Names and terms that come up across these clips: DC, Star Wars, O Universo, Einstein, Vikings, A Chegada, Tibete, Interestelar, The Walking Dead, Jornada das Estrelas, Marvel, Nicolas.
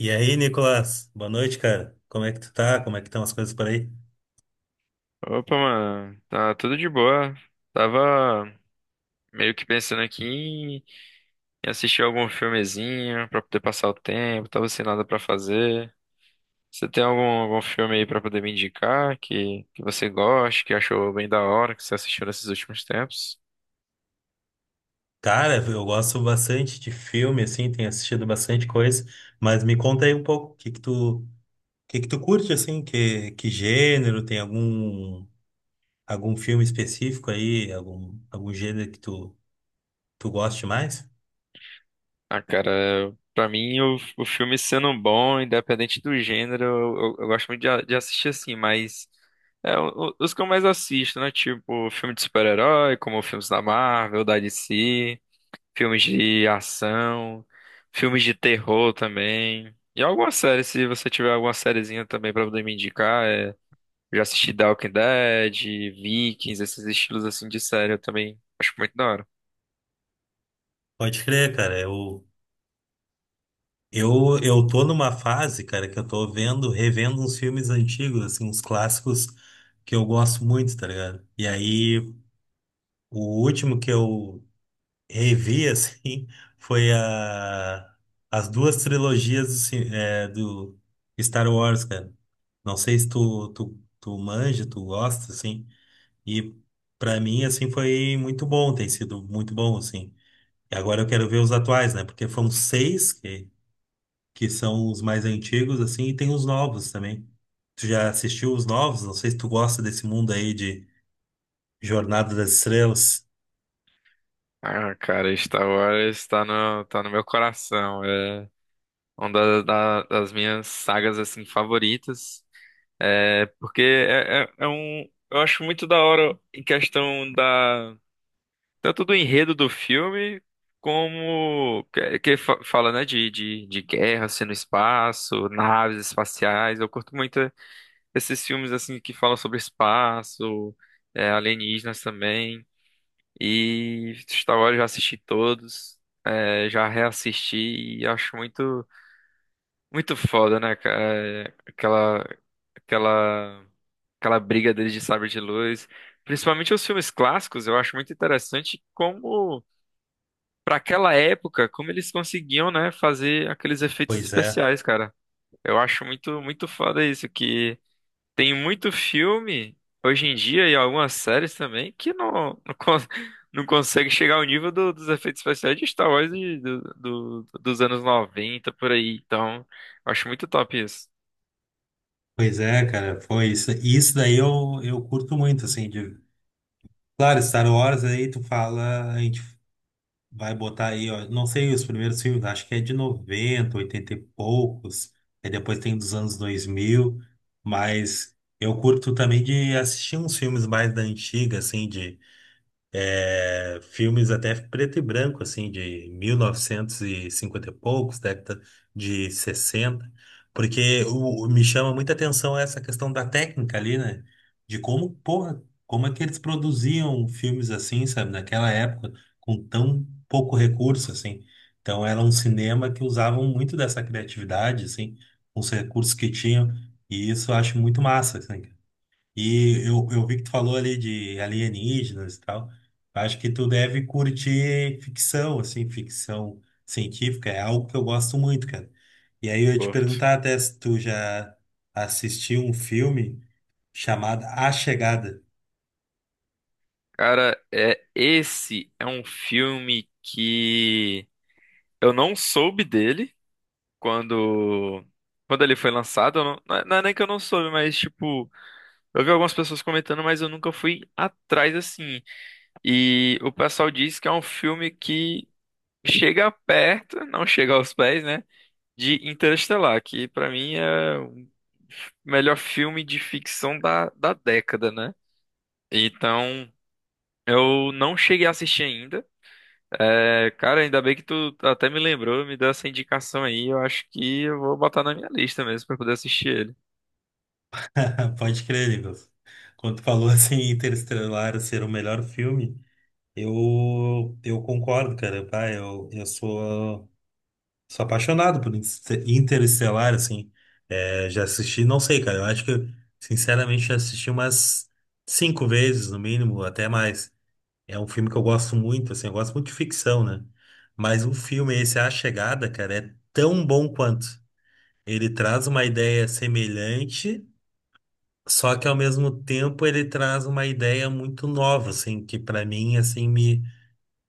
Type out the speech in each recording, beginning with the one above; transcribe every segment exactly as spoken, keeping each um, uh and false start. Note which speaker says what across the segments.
Speaker 1: E aí, Nicolas? Boa noite, cara. Como é que tu tá? Como é que estão as coisas por aí?
Speaker 2: Opa, mano, tá tudo de boa. Tava meio que pensando aqui em assistir algum filmezinho pra poder passar o tempo, tava sem nada pra fazer. Você tem algum, algum filme aí pra poder me indicar que, que você goste, que achou bem da hora, que você assistiu nesses últimos tempos?
Speaker 1: Cara, eu gosto bastante de filme, assim, tenho assistido bastante coisa, mas me conta aí um pouco, o que que tu, o que que tu curte, assim, que, que gênero, tem algum, algum filme específico aí, algum, algum gênero que tu, tu goste mais?
Speaker 2: Ah, cara, eu- pra mim o, o filme sendo bom, independente do gênero, eu, eu- eu gosto muito de, a- de assistir assim, mas é, o- o- os que eu mais assisto, né? Tipo, filme de super-herói, como filmes da Marvel, da D C. Filmes de ação, filmes de terror também. E alguma série, se você tiver alguma sériezinha também pra poder me indicar, é... eu já assisti The Walking Dead, Vikings, esses estilos assim de série eu também acho muito da hora.
Speaker 1: Pode crer, cara, eu, eu, eu tô numa fase, cara, que eu tô vendo, revendo uns filmes antigos, assim, uns clássicos que eu gosto muito, tá ligado? E aí. O último que eu revi, assim, foi a, as duas trilogias do, ci- é, do Star Wars, cara. Não sei se tu, tu, tu manja, tu gosta, assim. E pra mim, assim, foi muito bom, tem sido muito bom, assim. E agora eu quero ver os atuais, né? Porque foram seis que, que são os mais antigos, assim, e tem os novos também. Tu já assistiu os novos? Não sei se tu gosta desse mundo aí de Jornada das Estrelas.
Speaker 2: Ah, cara, Star Wars tá no, tá no meu coração. É uma da- da- das minhas sagas assim favoritas. É porque é, é é um. Eu acho muito da hora em questão da tanto do enredo do filme, como que, que fa- fala, né, de, de, de guerra, assim, no espaço, naves espaciais. Eu curto muito esses filmes, assim, que falam sobre espaço, é, alienígenas também. E Star Wars eu já assisti todos, é, já reassisti e acho muito, muito foda, né, cara? É, Aquela, aquela, aquela briga deles de sabre de luz. Principalmente os filmes clássicos, eu acho muito interessante como pra aquela época, como eles conseguiam, né, fazer aqueles efeitos
Speaker 1: Pois é.
Speaker 2: especiais, cara. Eu acho muito, muito foda isso, que tem muito filme hoje em dia e algumas séries também que não, não, cons- não consegue chegar ao nível do- dos efeitos especiais de Star Wars de- do, do- dos anos noventa por aí. Então, eu acho muito top isso.
Speaker 1: Pois é, cara, foi isso. E isso daí eu, eu curto muito, assim, de. Claro, Star Wars aí tu fala, a gente vai botar aí, ó, não sei os primeiros filmes, acho que é de noventa oitenta e poucos, aí depois tem dos anos dois mil, mas eu curto também de assistir uns filmes mais da antiga, assim, de é, filmes até preto e branco, assim, de mil novecentos e cinquenta e poucos, década de sessenta, porque o, o- me chama muita atenção essa questão da técnica ali, né? De como, porra, como é que eles produziam filmes assim, sabe, naquela época, com tão pouco recurso, assim. Então era um cinema que usavam muito dessa criatividade, assim, com os recursos que tinham, e isso eu acho muito massa, assim. E eu, eu vi que tu falou ali de alienígenas e tal. Acho que tu deve curtir ficção, assim, ficção científica. É algo que eu gosto muito, cara. E aí eu ia te
Speaker 2: Curto.
Speaker 1: perguntar até se tu já assistiu um filme chamado A Chegada.
Speaker 2: Cara, é, esse é um filme que eu não soube dele. quando Quando ele foi lançado, eu não, não é não é nem que eu não soube, mas tipo, eu vi algumas pessoas comentando, mas eu nunca fui atrás assim. E o pessoal diz que é um filme que chega perto, não chega aos pés, né, de Interestelar, que pra mim é o melhor filme de ficção da, da década, né? Então, eu não cheguei a assistir ainda. É, cara, ainda bem que tu até me lembrou, me deu essa indicação aí. Eu acho que eu vou botar na minha lista mesmo pra poder assistir ele.
Speaker 1: Pode crer, Nicolas. Quando tu falou assim, Interestelar ser o melhor filme, eu, eu concordo, cara. Pá, eu, eu sou. Sou apaixonado por Inter- Interestelar, assim. É, já assisti, não sei, cara. Eu acho que, eu, sinceramente, já assisti umas cinco vezes, no mínimo, até mais. É um filme que eu gosto muito, assim. Eu gosto muito de ficção, né? Mas o filme esse, A Chegada, cara, é tão bom quanto. Ele traz uma ideia semelhante, só que ao mesmo tempo ele traz uma ideia muito nova, assim, que pra mim, assim, me,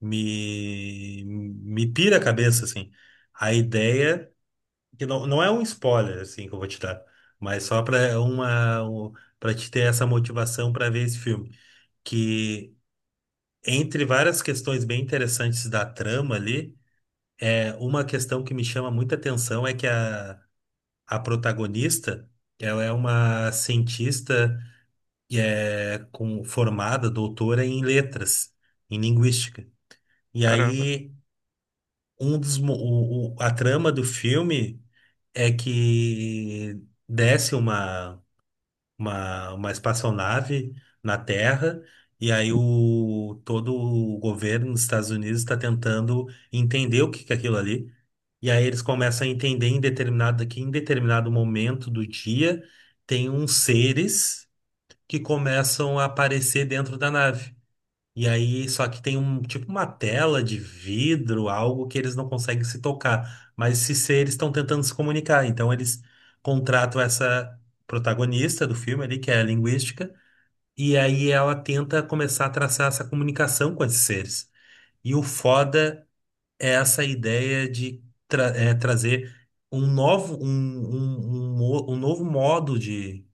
Speaker 1: me, me pira a cabeça, assim. A ideia que não, não é um spoiler assim que eu vou te dar, mas só para uma para te ter essa motivação para ver esse filme, que entre várias questões bem interessantes da trama ali, é, uma questão que me chama muita atenção é que a, a protagonista, ela é uma cientista que é com formada doutora em letras, em linguística. E
Speaker 2: Caramba.
Speaker 1: aí um dos mo- o, o- a trama do filme é que desce uma uma, uma espaçonave na Terra, e aí o, todo o governo dos Estados Unidos está tentando entender o que que é aquilo ali. E aí eles começam a entender em determinado, que em determinado momento do dia tem uns seres que começam a aparecer dentro da nave. E aí, só que tem um tipo uma tela de vidro, algo que eles não conseguem se tocar. Mas se seres estão tentando se comunicar. Então eles contratam essa protagonista do filme ali, que é a linguística, e aí ela tenta começar a traçar essa comunicação com esses seres. E o foda é essa ideia de tra- é, trazer um novo, um, um, um, mo- um novo modo de,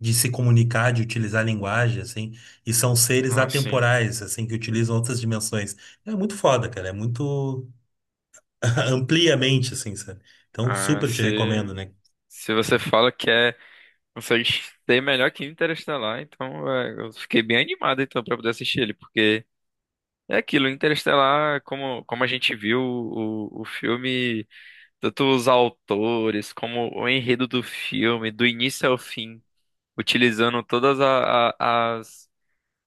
Speaker 1: de se comunicar, de utilizar a linguagem, assim, e são seres
Speaker 2: Ah, sim.
Speaker 1: atemporais, assim, que utilizam outras dimensões. É muito foda, cara, é muito ampliamente, assim, sabe? Então,
Speaker 2: Ah,
Speaker 1: super te recomendo,
Speaker 2: se,
Speaker 1: né?
Speaker 2: Se você fala que é, consegue ser melhor que Interestelar, então é, eu fiquei bem animado então para poder assistir ele, porque é aquilo, Interestelar, como, como a gente viu o, o filme, tanto os autores, como o enredo do filme, do início ao fim, utilizando todas a- a- as,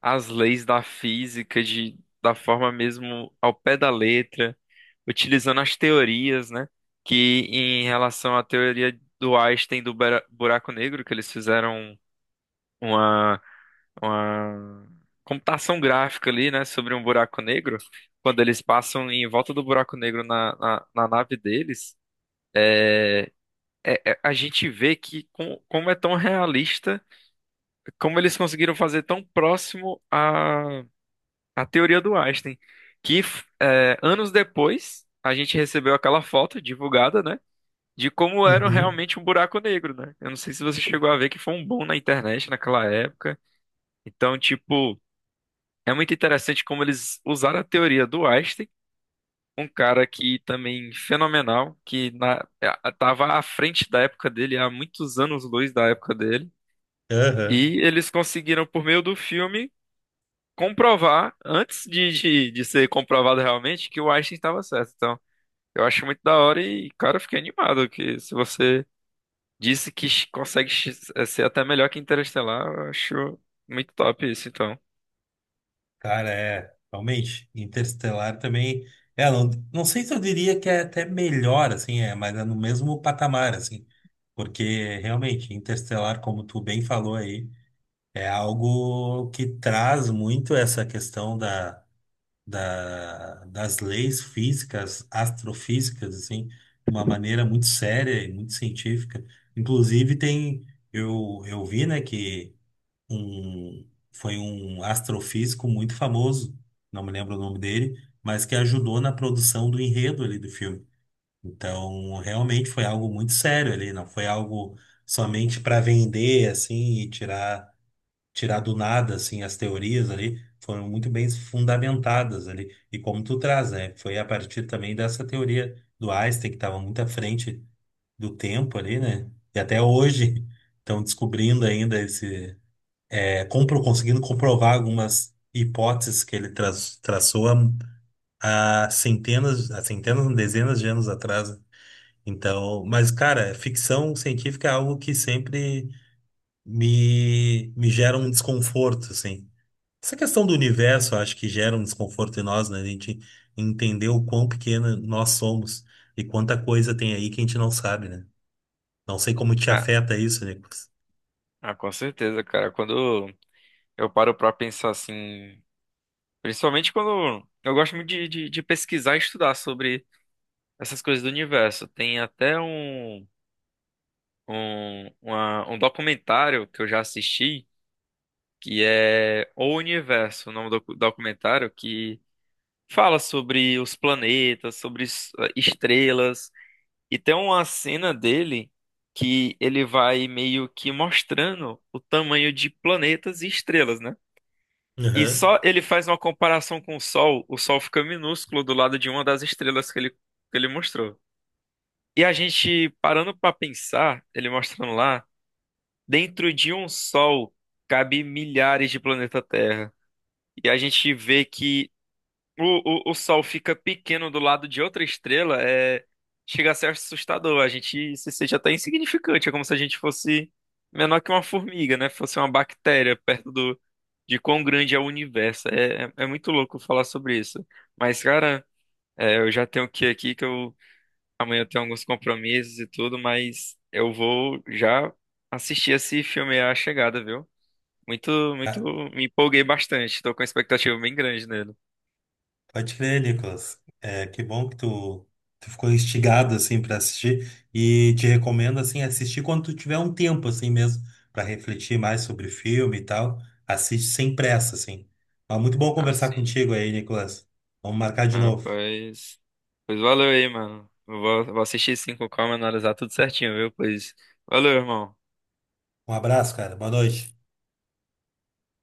Speaker 2: as leis da física de, da forma mesmo ao pé da letra. Utilizando as teorias, né? Que em relação à teoria do Einstein do bura- buraco negro, que eles fizeram uma, uma computação gráfica ali, né? Sobre um buraco negro, quando eles passam em volta do buraco negro na, na, na nave deles. É- é- a gente vê que com- como é tão realista, como eles conseguiram fazer tão próximo à, à teoria do Einstein, que f- é, anos depois a gente recebeu aquela foto divulgada, né? De como era
Speaker 1: Uhum.
Speaker 2: realmente um buraco negro, né? Eu não sei se você chegou a ver que foi um boom na internet naquela época. Então, tipo, é muito interessante como eles usaram a teoria do Einstein, um cara que também fenomenal, que na, eh, tava à frente da época dele, há muitos anos-luz da época dele,
Speaker 1: Aham.
Speaker 2: e eles conseguiram, por meio do filme, comprovar, antes de, de, de ser comprovado realmente, que o Einstein estava certo. Então, eu acho muito da hora e, cara, eu fiquei animado que se você disse que ch- consegue ch- ser até melhor que Interestelar. Eu acho muito top isso, então.
Speaker 1: Cara, é, realmente, Interestelar também, é, não, não sei se eu diria que é até melhor, assim, é, mas é no mesmo patamar, assim, porque realmente, Interestelar, como tu bem falou aí, é algo que traz muito essa questão da, da, das leis físicas, astrofísicas, assim, de uma maneira muito séria e muito científica. Inclusive tem, eu, eu vi, né, que um, foi um astrofísico muito famoso, não me lembro o nome dele, mas que ajudou na produção do enredo ali do filme. Então, realmente foi algo muito sério ali, não foi algo somente para vender assim e tirar tirar do nada assim as teorias ali, foram muito bem fundamentadas ali. E como tu traz, né? Foi a partir também dessa teoria do Einstein que estava muito à frente do tempo ali, né? E até hoje estão descobrindo ainda esse é, compro- conseguindo comprovar algumas hipóteses que ele tra- traçou há, há centenas, há centenas, não, dezenas de anos atrás. Então, mas cara, ficção científica é algo que sempre me, me gera um desconforto, assim. Essa questão do universo, eu acho que gera um desconforto em nós, né? A gente entender o quão pequena nós somos e quanta coisa tem aí que a gente não sabe, né? Não sei como te
Speaker 2: Ah,
Speaker 1: afeta isso, Nicolas.
Speaker 2: ah, com certeza, cara. Quando eu paro pra pensar assim, principalmente quando eu gosto muito de, de, de pesquisar e estudar sobre essas coisas do universo. Tem até um, um, uma- um documentário que eu já assisti que é O Universo, o nome do documentário, que fala sobre os planetas, sobre es- estrelas. E tem uma cena dele que ele vai meio que mostrando o tamanho de planetas e estrelas, né? E
Speaker 1: Aham.
Speaker 2: só ele faz uma comparação com o Sol, o Sol fica minúsculo do lado de uma das estrelas que ele, que ele mostrou. E a gente parando pra pensar, ele mostrando lá, dentro de um Sol cabe milhares de planeta Terra. E a gente vê que O, o, o Sol fica pequeno do lado de outra estrela, é, chega a ser assustador. A gente se sente até insignificante, é como se a gente fosse menor que uma formiga, né? Fosse uma bactéria perto do, de quão grande é o universo. É, é, é muito louco falar sobre isso. Mas, cara, é, eu já tenho que ir aqui, que eu amanhã eu tenho alguns compromissos e tudo, mas eu vou já assistir esse filme A Chegada, viu? Muito, Muito, me empolguei bastante, tô com uma expectativa bem grande nele.
Speaker 1: Pode crer, Nicolas. É, que bom que tu, tu ficou instigado assim para assistir, e te recomendo assim assistir quando tu tiver um tempo assim mesmo para refletir mais sobre o filme e tal. Assiste sem pressa assim. Mas muito bom conversar
Speaker 2: Assim.
Speaker 1: contigo aí, Nicolas. Vamos marcar de novo.
Speaker 2: Rapaz. Pois valeu aí, mano. Eu vou, vou assistir sim com calma, e analisar tudo certinho, viu? Pois valeu, irmão.
Speaker 1: Um abraço, cara. Boa noite.